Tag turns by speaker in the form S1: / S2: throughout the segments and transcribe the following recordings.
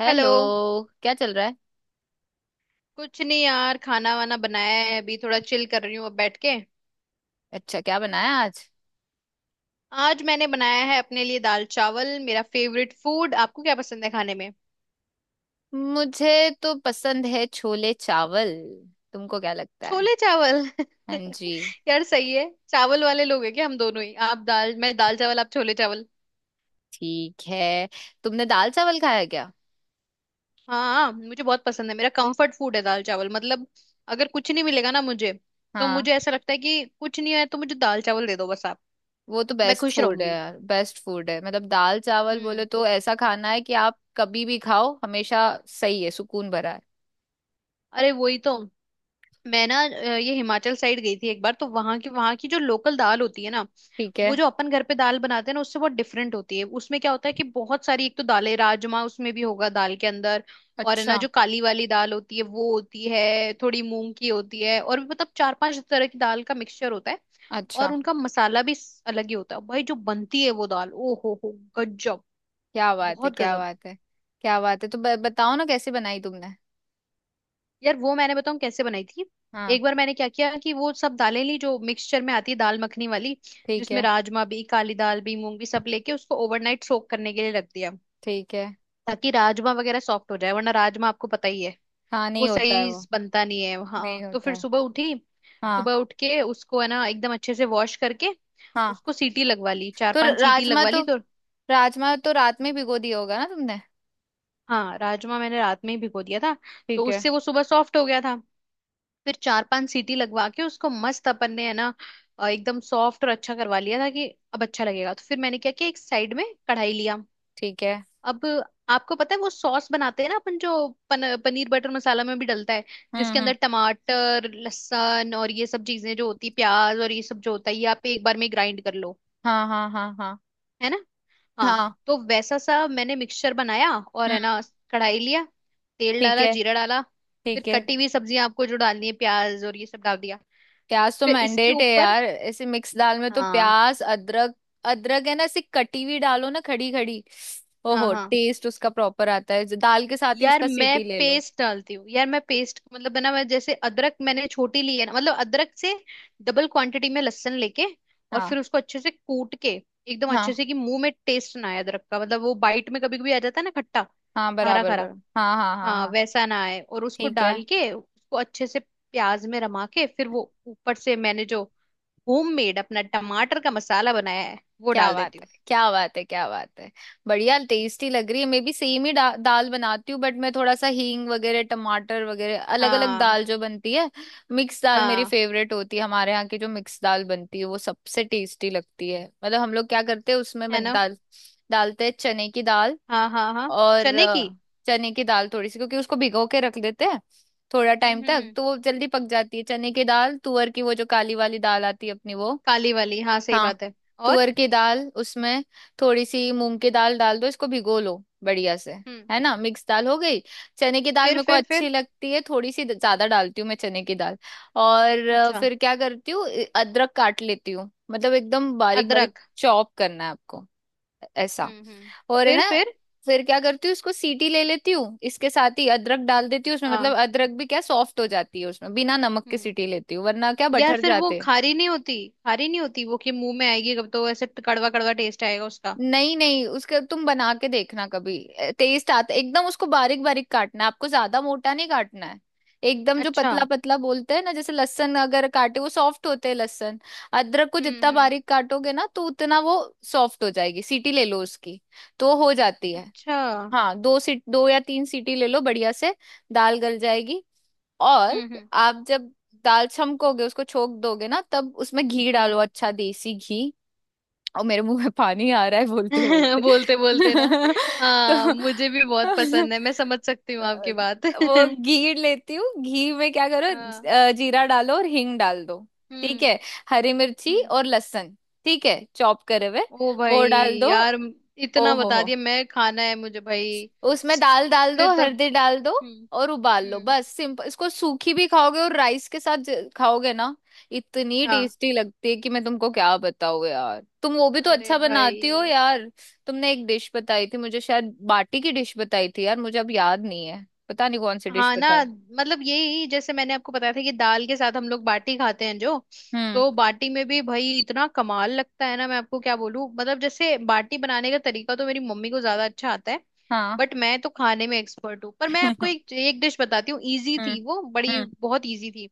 S1: Hello.
S2: Hello.
S1: क्या चल रहा है?
S2: कुछ नहीं यार, खाना वाना बनाया है, अभी थोड़ा चिल कर रही हूँ अब बैठ के।
S1: अच्छा, क्या बनाया आज?
S2: आज मैंने बनाया है अपने लिए दाल चावल, मेरा फेवरेट फूड। आपको क्या पसंद है खाने में?
S1: मुझे तो पसंद है छोले चावल। तुमको क्या लगता है?
S2: छोले चावल।
S1: हाँ जी।
S2: यार सही है, चावल वाले लोग हैं क्या हम दोनों ही? आप दाल, मैं दाल चावल, आप छोले चावल।
S1: ठीक है। तुमने दाल चावल खाया क्या?
S2: हाँ, मुझे बहुत पसंद है, मेरा कंफर्ट फूड है दाल चावल मतलब। अगर कुछ नहीं मिलेगा ना मुझे, तो
S1: हाँ।
S2: मुझे ऐसा लगता है कि कुछ नहीं है तो मुझे दाल चावल दे दो बस आप।
S1: वो तो
S2: मैं
S1: बेस्ट
S2: खुश
S1: फूड है
S2: रहूंगी।
S1: यार, बेस्ट फूड है मतलब। दाल चावल बोले
S2: हम्म।
S1: तो ऐसा खाना है कि आप कभी भी खाओ, हमेशा। सही है, सुकून भरा है।
S2: अरे वही तो। मैं ना, ये हिमाचल साइड गई थी एक बार, तो वहां की जो लोकल दाल होती है ना।
S1: ठीक है।
S2: वो जो अपन घर पे दाल बनाते हैं ना, उससे बहुत डिफरेंट होती है। उसमें क्या होता है कि बहुत सारी, एक तो दालें, राजमा उसमें भी होगा दाल के अंदर। और है ना,
S1: अच्छा,
S2: जो काली वाली दाल होती है वो होती है, थोड़ी मूंग की होती है, और भी मतलब चार पांच तरह की दाल का मिक्सचर होता है। और
S1: अच्छा।
S2: उनका मसाला भी अलग ही होता है भाई, जो बनती है वो दाल। ओ हो हो। गजब।
S1: क्या बात है,
S2: बहुत
S1: क्या
S2: गजब।
S1: बात है, क्या बात है। तो बताओ ना, कैसे बनाई तुमने?
S2: यार वो मैंने बताऊं कैसे बनाई थी।
S1: हाँ।
S2: एक बार मैंने क्या किया कि वो सब दालें ली जो मिक्सचर में आती है, दाल मखनी वाली।
S1: ठीक
S2: जिसमें
S1: है।
S2: राजमा भी, काली दाल भी, मूंग भी, सब लेके उसको ओवरनाइट सोक करने के लिए रख दिया।
S1: ठीक है।
S2: ताकि राजमा वगैरह सॉफ्ट हो जाए, वरना राजमा आपको पता ही है।
S1: हाँ
S2: वो
S1: नहीं होता है
S2: सही
S1: वो।
S2: से बनता नहीं है।
S1: नहीं
S2: हाँ, तो
S1: होता
S2: फिर
S1: है।
S2: सुबह उठी।
S1: हाँ।
S2: सुबह उठ के उसको है ना एकदम अच्छे से वॉश करके।
S1: हाँ
S2: उसको सीटी लगवा ली, चार
S1: तो
S2: पांच सीटी लगवा ली तो।
S1: राजमा तो रात में भिगो दिया होगा ना तुमने?
S2: हाँ, राजमा मैंने रात में ही भिगो दिया था। तो
S1: ठीक है।
S2: उससे वो सुबह सॉफ्ट हो गया था। फिर चार पांच सीटी लगवा के उसको मस्त अपन ने है ना। एकदम सॉफ्ट और अच्छा करवा लिया था कि। अब अच्छा लगेगा, तो फिर मैंने क्या किया, एक साइड में कढ़ाई लिया।
S1: ठीक है।
S2: अब। आपको पता है वो सॉस बनाते हैं ना अपन, जो पनीर बटर मसाला में भी डलता है। जिसके
S1: हम्म।
S2: अंदर टमाटर, लहसुन और ये सब चीजें जो होती है, प्याज और ये सब जो होता है, ये आप एक बार में ग्राइंड कर लो।
S1: हाँ हाँ हाँ हाँ।
S2: है ना। हाँ।
S1: हाँ।
S2: तो वैसा सा मैंने मिक्सचर बनाया, और है
S1: हम्म।
S2: ना। कढ़ाई लिया। तेल
S1: ठीक
S2: डाला,
S1: है।
S2: जीरा डाला।
S1: ठीक
S2: फिर
S1: है।
S2: कटी हुई सब्जियां आपको जो डालनी है, प्याज और ये सब डाल दिया।
S1: प्याज तो
S2: फिर इसके
S1: मैंडेट है
S2: ऊपर।
S1: यार, ऐसे मिक्स दाल में तो।
S2: हाँ,
S1: प्याज, अदरक, अदरक है ना, ऐसी कटी हुई डालो ना, खड़ी खड़ी।
S2: हाँ,
S1: ओहो,
S2: हाँ।
S1: टेस्ट उसका प्रॉपर आता है, जो दाल के साथ ही
S2: यार
S1: उसका
S2: मैं
S1: सीटी ले लो।
S2: पेस्ट डालती हूँ, यार मैं पेस्ट मतलब बना, मैं जैसे अदरक मैंने छोटी ली है ना, मतलब अदरक से डबल क्वांटिटी में लहसुन लेके। और
S1: हाँ
S2: फिर उसको अच्छे से कूट के, एकदम अच्छे
S1: हाँ।
S2: से कि मुंह में टेस्ट ना आए अदरक का, मतलब वो बाइट में कभी कभी आ जाता है ना, खट्टा।
S1: हाँ
S2: हरा
S1: बराबर
S2: खरा।
S1: बराबर, हाँ हाँ हाँ
S2: हाँ,
S1: हाँ।
S2: वैसा ना आए, और उसको
S1: ठीक है।
S2: डाल के उसको अच्छे से प्याज में रमा के, फिर वो ऊपर से मैंने जो होम मेड अपना टमाटर का मसाला बनाया है, वो
S1: क्या
S2: डाल देती
S1: बात है,
S2: हूँ।
S1: क्या बात है, क्या बात है। बढ़िया टेस्टी लग रही है। मैं भी सेम ही दाल बनाती हूँ, बट मैं थोड़ा सा हींग वगैरह, टमाटर वगैरह। अलग अलग
S2: हाँ,
S1: दाल जो बनती है, मिक्स दाल मेरी
S2: हाँ।
S1: फेवरेट होती है। हमारे यहाँ की जो मिक्स दाल बनती है वो सबसे टेस्टी लगती है। मतलब हम लोग क्या करते हैं उसमें
S2: है ना।
S1: दाल डालते हैं, चने की दाल।
S2: हाँ, हाँ, हाँ,
S1: और
S2: चने की।
S1: चने की दाल थोड़ी सी, क्योंकि उसको भिगो के रख देते हैं थोड़ा टाइम
S2: हम्म, हम्म,
S1: तक,
S2: हम्म।
S1: तो वो जल्दी पक जाती है चने की दाल। तुअर की, वो जो काली वाली दाल आती है अपनी, वो।
S2: काली वाली, हाँ, सही
S1: हाँ।
S2: बात है। और।
S1: तुअर की दाल, उसमें थोड़ी सी मूंग की दाल डाल दो, इसको भिगो लो बढ़िया से,
S2: हम्म।
S1: है ना, मिक्स दाल हो गई। चने की दाल
S2: फिर
S1: मेरे को
S2: फिर फिर
S1: अच्छी लगती है, थोड़ी सी ज्यादा डालती हूँ मैं चने की दाल। और
S2: अच्छा।
S1: फिर क्या करती हूँ? अदरक काट लेती हूँ, मतलब एकदम बारीक बारीक
S2: अदरक।
S1: चॉप करना है आपको, ऐसा।
S2: हम्म, हम्म।
S1: और है
S2: फिर
S1: ना,
S2: फिर
S1: फिर क्या करती हूँ, इसको सीटी ले लेती हूँ, इसके साथ ही अदरक डाल देती हूँ उसमें,
S2: हाँ।
S1: मतलब अदरक भी क्या सॉफ्ट हो जाती है उसमें। बिना नमक के
S2: हम्म।
S1: सीटी लेती हूँ, वरना क्या
S2: यार,
S1: बटर
S2: फिर वो
S1: जाते हैं।
S2: खारी नहीं होती। खारी नहीं होती वो, कि मुंह में आएगी कब तो ऐसे कड़वा कड़वा टेस्ट आएगा उसका।
S1: नहीं नहीं, उसका तुम बना के देखना कभी, टेस्ट आता एकदम। उसको बारीक बारीक काटना है आपको, ज्यादा मोटा नहीं काटना है, एकदम जो
S2: अच्छा।
S1: पतला पतला बोलते हैं ना। जैसे लहसुन अगर काटे, वो सॉफ्ट होते हैं लहसुन। अदरक को
S2: हम्म,
S1: जितना
S2: हम्म।
S1: बारीक काटोगे ना, तो उतना वो सॉफ्ट हो जाएगी, सीटी ले लो उसकी, तो हो जाती है।
S2: अच्छा। हम्म,
S1: हाँ, दो या तीन सीटी ले लो बढ़िया से, दाल गल जाएगी। और
S2: हम्म,
S1: आप जब दाल छमकोगे, उसको छोक दोगे ना, तब उसमें घी डालो,
S2: हम्म,
S1: अच्छा देसी घी। और मेरे मुंह में पानी आ रहा है बोलते
S2: हम्म।
S1: बोलते।
S2: बोलते बोलते ना। हाँ,
S1: तो
S2: मुझे भी बहुत पसंद है, मैं समझ सकती हूँ
S1: अ,
S2: आपकी बात।
S1: वो घी लेती हूँ, घी में क्या करो,
S2: हाँ।
S1: जीरा डालो और हींग डाल दो। ठीक
S2: हम्म,
S1: है। हरी मिर्ची
S2: हम्म।
S1: और लहसुन, ठीक है, चॉप करे हुए,
S2: ओ
S1: वो
S2: भाई।
S1: डाल दो।
S2: यार
S1: ओ
S2: इतना
S1: हो
S2: बता
S1: हो।
S2: दिया, मैं खाना है मुझे भाई।
S1: उसमें दाल डाल दो,
S2: फिर तो।
S1: हल्दी डाल दो
S2: हम्म,
S1: और उबाल लो,
S2: हम्म।
S1: बस सिंपल। इसको सूखी भी खाओगे और राइस के साथ खाओगे ना, इतनी
S2: हाँ।
S1: टेस्टी लगती है कि मैं तुमको क्या बताऊँ यार। तुम वो भी तो
S2: अरे
S1: अच्छा
S2: भाई।
S1: बनाती हो यार, तुमने एक डिश बताई थी मुझे, शायद बाटी की डिश बताई थी यार, मुझे अब याद नहीं है, पता नहीं कौन सी डिश
S2: हाँ ना,
S1: बताई।
S2: मतलब यही जैसे मैंने आपको बताया था कि दाल के साथ हम लोग बाटी खाते हैं जो।
S1: हम्म।
S2: तो बाटी में भी भाई इतना कमाल लगता है ना, मैं आपको क्या बोलूं। मतलब जैसे बाटी बनाने का तरीका तो मेरी मम्मी को ज्यादा अच्छा आता है।
S1: हाँ।
S2: बट मैं तो खाने में एक्सपर्ट हूँ, पर मैं आपको
S1: हम्म
S2: एक एक डिश बताती हूँ। इजी थी वो, बड़ी
S1: हम्म।
S2: बहुत इजी थी।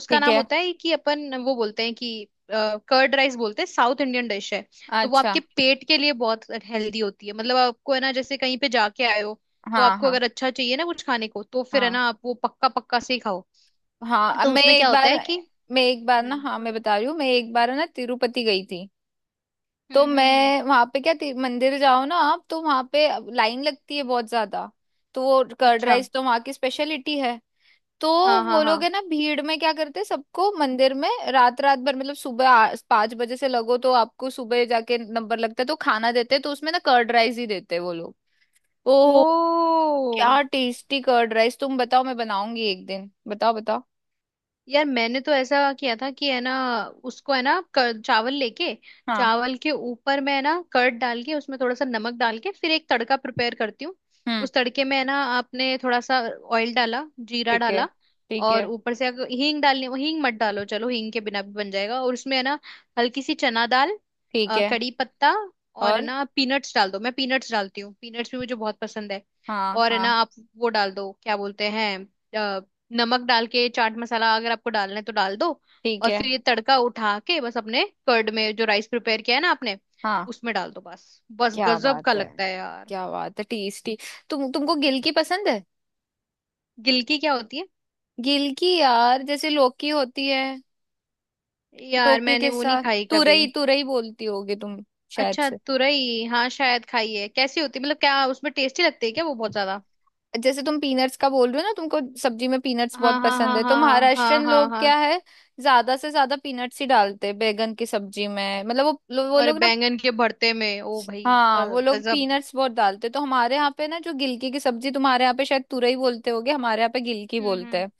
S2: उसका
S1: ठीक
S2: नाम
S1: है।
S2: होता है कि अपन वो बोलते हैं कि, कर्ड राइस बोलते हैं, साउथ इंडियन डिश है। तो वो
S1: अच्छा।
S2: आपके पेट के लिए बहुत हेल्दी होती है, मतलब आपको है ना, जैसे कहीं पे जाके आए हो, तो
S1: हाँ
S2: आपको
S1: हाँ
S2: अगर अच्छा चाहिए ना कुछ खाने को तो फिर है
S1: हाँ
S2: ना आप वो पक्का पक्का से ही खाओ।
S1: हाँ। अब
S2: तो
S1: मैं
S2: उसमें क्या
S1: एक
S2: होता
S1: बार,
S2: है कि।
S1: मैं एक बार ना,
S2: हम्म,
S1: हाँ मैं
S2: बोलो।
S1: बता रही हूँ, मैं एक बार ना तिरुपति गई थी। तो
S2: हम्म, हम्म, हम्म।
S1: मैं वहां पे क्या, मंदिर जाओ ना आप, तो वहां पे लाइन लगती है बहुत ज्यादा। तो वो कर्ड
S2: अच्छा।
S1: राइस तो वहां की स्पेशलिटी है। तो
S2: हाँ, हाँ,
S1: वो लोग
S2: हाँ।
S1: है ना, भीड़ में क्या करते हैं, सबको मंदिर में रात रात भर, मतलब सुबह 5 बजे से लगो तो आपको सुबह जाके नंबर लगता है, तो खाना देते हैं, तो उसमें ना कर्ड राइस ही देते हैं वो लोग। ओह,
S2: ओ।
S1: क्या टेस्टी कर्ड राइस। तुम बताओ, मैं बनाऊंगी एक दिन, बताओ बताओ।
S2: यार मैंने तो ऐसा किया था कि, है ना, उसको है ना, चावल लेके।
S1: हाँ।
S2: चावल के ऊपर मैं है ना कर्ड डाल के, उसमें थोड़ा सा नमक डाल के, फिर एक तड़का प्रिपेयर करती हूँ।
S1: हम्म।
S2: उस तड़के में है ना, आपने थोड़ा सा ऑयल डाला, जीरा
S1: ठीक है।
S2: डाला।
S1: ठीक
S2: और
S1: है।
S2: ऊपर से अगर हींग डालनी हो, हींग मत डालो चलो, हींग के बिना भी बन जाएगा, और उसमें है ना हल्की सी चना दाल,
S1: ठीक है।
S2: कड़ी पत्ता। और है
S1: और।
S2: ना, पीनट्स डाल दो, मैं पीनट्स डालती हूँ, पीनट्स भी मुझे बहुत पसंद है।
S1: हाँ
S2: और है ना
S1: हाँ।
S2: आप वो डाल दो, क्या बोलते हैं, नमक डाल के चाट मसाला अगर आपको डालना है तो डाल दो।
S1: ठीक
S2: और
S1: है।
S2: फिर ये तड़का उठा के बस अपने कर्ड में जो राइस प्रिपेयर किया है ना आपने,
S1: हाँ।
S2: उसमें डाल दो बस। बस
S1: क्या
S2: गजब का
S1: बात है,
S2: लगता है यार।
S1: क्या बात है, टेस्टी। तुमको गिलकी पसंद है?
S2: गिलकी क्या होती है?
S1: गिलकी यार, जैसे लौकी होती है,
S2: यार
S1: लौकी
S2: मैंने
S1: के
S2: वो नहीं
S1: साथ।
S2: खाई कभी।
S1: तुरई, तुरई बोलती होगी तुम शायद
S2: अच्छा,
S1: से।
S2: तुरई, हाँ शायद खाई है। कैसी होती है? मतलब क्या उसमें टेस्टी लगती है क्या वो बहुत ज्यादा?
S1: जैसे तुम पीनट्स का बोल रहे हो ना, तुमको सब्जी में पीनट्स
S2: हाँ,
S1: बहुत
S2: हाँ,
S1: पसंद
S2: हाँ,
S1: है, तो
S2: हाँ, हाँ,
S1: महाराष्ट्रियन
S2: हाँ,
S1: लोग
S2: हाँ।
S1: क्या है, ज्यादा से ज्यादा पीनट्स ही डालते हैं बैंगन की सब्जी में। मतलब वो
S2: और
S1: लोग ना,
S2: बैंगन के भरते में, ओ भाई,
S1: हाँ, वो लोग
S2: गजब।
S1: पीनट्स बहुत डालते हैं। तो हमारे यहाँ पे ना जो गिलकी की सब्जी, तुम्हारे यहाँ पे शायद तुरई बोलते होगे, हमारे यहाँ पे गिलकी
S2: हम्म,
S1: बोलते
S2: हम्म,
S1: हैं।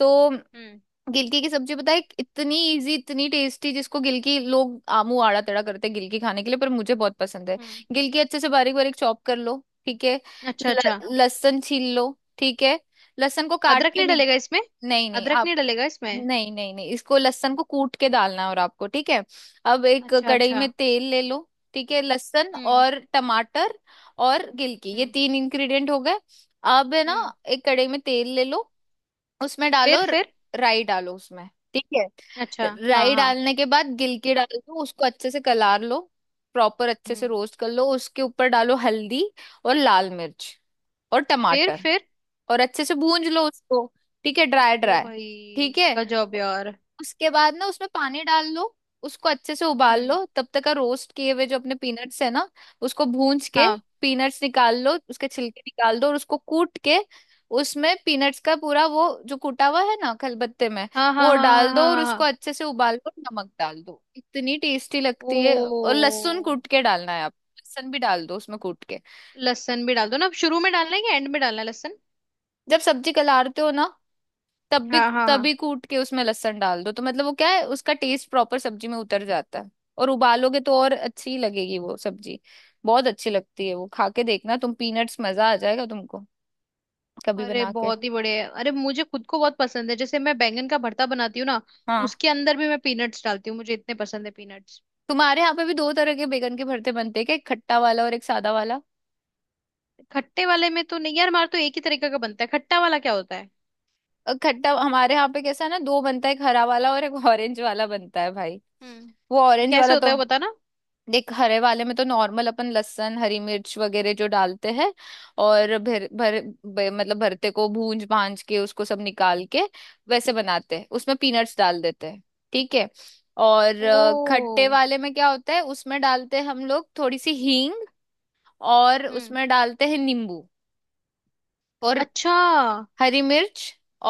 S1: तो
S2: हम्म,
S1: गिलकी की सब्जी बताए, इतनी इजी, इतनी टेस्टी, जिसको गिलकी लोग आमू आड़ा तड़ा करते हैं गिलकी खाने के लिए, पर मुझे बहुत पसंद है।
S2: हम्म।
S1: गिलकी अच्छे से बारीक बारीक चॉप कर लो, ठीक है।
S2: अच्छा, अच्छा।
S1: ल- लहसुन छील लो, ठीक है, लहसुन को काट
S2: अदरक
S1: के
S2: नहीं
S1: नहीं।
S2: डलेगा इसमें?
S1: नहीं नहीं
S2: अदरक
S1: आप,
S2: नहीं डलेगा इसमें?
S1: नहीं नहीं नहीं, इसको लहसुन को कूट के डालना है। और आपको, ठीक है, अब एक
S2: अच्छा,
S1: कढ़ाई में
S2: अच्छा।
S1: तेल ले लो, ठीक है। लहसुन
S2: हम्म,
S1: और टमाटर और गिलकी, ये
S2: हम्म,
S1: तीन इंग्रेडिएंट हो गए। अब है ना,
S2: हम्म।
S1: एक कढ़ाई में तेल ले लो, उसमें डालो
S2: फिर फिर
S1: राई, डालो उसमें, ठीक है।
S2: अच्छा। हाँ,
S1: राई
S2: हाँ।
S1: डालने के बाद गिलकी डाल दो, उसको अच्छे से कलार लो, प्रॉपर अच्छे से
S2: हम्म।
S1: रोस्ट कर लो। उसके ऊपर डालो हल्दी और लाल मिर्च और
S2: फिर
S1: टमाटर,
S2: फिर
S1: और अच्छे से भूंज लो उसको, ठीक है, ड्राई
S2: ओ
S1: ड्राई,
S2: भाई,
S1: ठीक है।
S2: गजब यार।
S1: उसके बाद ना उसमें पानी डाल लो, उसको अच्छे से उबाल
S2: हम्म।
S1: लो। तब तक का रोस्ट किए हुए जो अपने पीनट्स है ना, उसको भूंज के
S2: हाँ,
S1: पीनट्स निकाल लो, उसके छिलके निकाल दो और उसको कूट के, उसमें पीनट्स का पूरा वो जो कूटा हुआ है ना खलबत्ते में,
S2: हाँ, हाँ,
S1: वो
S2: हाँ, हाँ,
S1: डाल दो
S2: हाँ,
S1: और
S2: हाँ,
S1: उसको
S2: हाँ।
S1: अच्छे से उबाल दो, नमक डाल दो। इतनी टेस्टी लगती है। और लहसुन
S2: ओ,
S1: कूट के डालना है, आप लहसुन भी डाल दो उसमें कूट के।
S2: लहसुन भी डाल दो ना, अब शुरू में डालना है या एंड में डालना है लहसुन?
S1: जब सब्जी कलारते हो ना, तब भी,
S2: हाँ, हाँ, हाँ।
S1: कूट के उसमें लहसुन डाल दो, तो मतलब वो क्या है, उसका टेस्ट प्रॉपर सब्जी में उतर जाता है। और उबालोगे तो और अच्छी लगेगी वो सब्जी, बहुत अच्छी लगती है, वो खा के देखना तुम, पीनट्स। मजा आ जाएगा तुमको कभी
S2: अरे
S1: बना के।
S2: बहुत ही बढ़िया है। अरे मुझे खुद को बहुत पसंद है, जैसे मैं बैंगन का भरता बनाती हूँ ना,
S1: हाँ,
S2: उसके अंदर भी मैं पीनट्स डालती हूँ, मुझे इतने पसंद है पीनट्स।
S1: तुम्हारे यहाँ पे भी दो तरह के बैगन के भरते बनते हैं क्या, एक खट्टा वाला और एक सादा वाला?
S2: खट्टे वाले में तो नहीं यार, हमारा तो एक ही तरीके का बनता है। खट्टा वाला क्या होता है?
S1: खट्टा हमारे यहाँ पे कैसा है ना, दो बनता है, एक हरा वाला और एक ऑरेंज वाला बनता है भाई।
S2: हम्म।
S1: वो ऑरेंज
S2: कैसे
S1: वाला
S2: होता
S1: तो,
S2: है वो बताना।
S1: देख, हरे वाले में तो नॉर्मल अपन लहसुन हरी मिर्च वगैरह जो डालते हैं, और भर भर ब- मतलब भरते को भूंज भांज के, उसको सब निकाल के, वैसे बनाते हैं, उसमें पीनट्स डाल देते हैं, ठीक है। और
S2: ओ।
S1: खट्टे वाले में क्या होता है, उसमें डालते हैं हम लोग थोड़ी सी हींग, और
S2: हम्म।
S1: उसमें डालते हैं नींबू और
S2: अच्छा।
S1: हरी मिर्च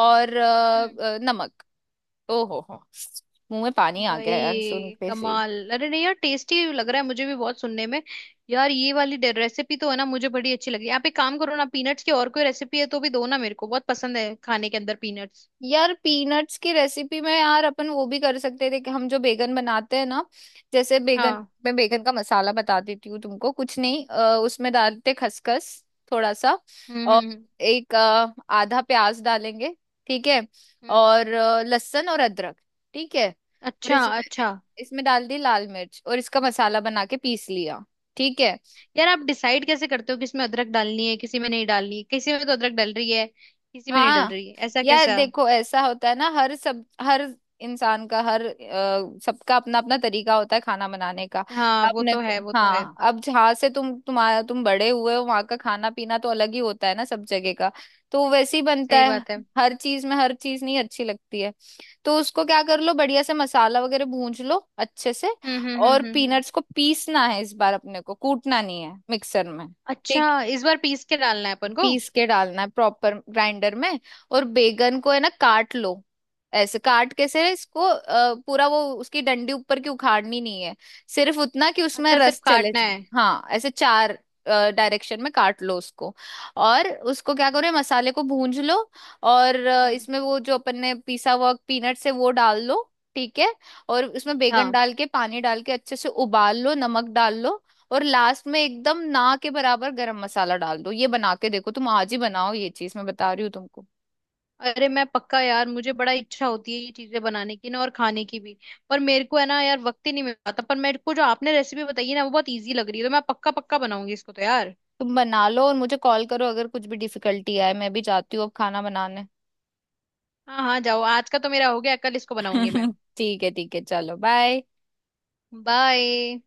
S1: और
S2: हम्म।
S1: नमक। ओ हो, मुंह में पानी आ गया यार सुन
S2: भाई
S1: के से।
S2: कमाल। अरे नहीं यार, टेस्टी लग रहा है मुझे भी बहुत सुनने में। यार ये वाली रेसिपी तो है ना मुझे बड़ी अच्छी लगी। आप एक काम करो ना, पीनट्स की और कोई रेसिपी है तो भी दो ना, मेरे को बहुत पसंद है खाने के अंदर पीनट्स।
S1: यार पीनट्स की रेसिपी में यार, अपन वो भी कर सकते थे कि हम जो बेगन बनाते हैं ना, जैसे बेगन।
S2: हाँ।
S1: मैं बेगन का मसाला बता देती हूँ तुमको, कुछ नहीं, उसमें डालते खसखस थोड़ा सा,
S2: हम्म,
S1: और
S2: हम्म,
S1: एक आधा प्याज डालेंगे, ठीक है,
S2: हम्म।
S1: और लहसुन और अदरक, ठीक है। और
S2: अच्छा,
S1: इसमें,
S2: अच्छा।
S1: इसमें डाल दी लाल मिर्च और इसका मसाला बना के पीस लिया, ठीक है।
S2: यार आप डिसाइड कैसे करते हो किसमें अदरक डालनी है, किसी में नहीं डालनी है? किसी में तो अदरक डल रही है, किसी में नहीं डल
S1: हाँ,
S2: रही है, ऐसा
S1: यार
S2: कैसा?
S1: देखो, ऐसा होता है ना, हर सब, हर इंसान का, हर सबका अपना अपना तरीका होता है खाना बनाने का।
S2: हाँ, वो
S1: अपने
S2: तो
S1: को,
S2: है वो तो है,
S1: हाँ, अब जहाँ से तुम, तुम्हारा, तुम बड़े हुए हो वहाँ का खाना पीना तो अलग ही होता है ना, सब जगह का, तो वैसे ही बनता
S2: सही
S1: है।
S2: बात है।
S1: हर चीज में हर चीज नहीं अच्छी लगती है। तो उसको क्या कर लो, बढ़िया से मसाला वगैरह भून लो अच्छे से।
S2: हम्म, हम्म,
S1: और
S2: हम्म, हम्म,
S1: पीनट्स को पीसना है इस बार, अपने को कूटना नहीं है, मिक्सर में।
S2: अच्छा,
S1: ठीक,
S2: इस बार पीस के डालना है अपन को।
S1: पीस के डालना है प्रॉपर ग्राइंडर में। और बैगन को है ना काट लो, ऐसे काट, कैसे, इसको पूरा वो, उसकी डंडी ऊपर की उखाड़नी नहीं है, सिर्फ उतना कि उसमें
S2: अच्छा, सिर्फ
S1: रस चले
S2: काटना
S1: जाए।
S2: है।
S1: हाँ, ऐसे चार डायरेक्शन में काट लो उसको। और उसको क्या करो, ये मसाले को भूंज लो, और
S2: हम्म।
S1: इसमें वो जो अपन ने पिसा हुआ पीनट्स है वो डाल लो, ठीक है। और उसमें बैगन
S2: हाँ।
S1: डाल के पानी डाल के अच्छे से उबाल लो, नमक डाल लो, और लास्ट में एकदम ना के बराबर गरम मसाला डाल दो। ये बना के देखो, तुम आज ही बनाओ ये चीज, मैं बता रही हूँ तुमको।
S2: अरे मैं पक्का यार, मुझे बड़ा इच्छा होती है ये चीजें बनाने की ना, और खाने की भी। पर मेरे को है ना यार वक्त ही नहीं मिल पाता। पर मेरे को जो आपने रेसिपी बताई है ना, वो बहुत इजी लग रही है, तो मैं पक्का पक्का बनाऊंगी इसको तो यार।
S1: तुम बना लो और मुझे कॉल करो, अगर कुछ भी डिफिकल्टी आए। मैं भी जाती हूँ अब खाना बनाने।
S2: हाँ, हाँ, जाओ। आज का तो मेरा हो गया, कल इसको बनाऊंगी मैं।
S1: ठीक है, ठीक है, चलो बाय।
S2: बाय।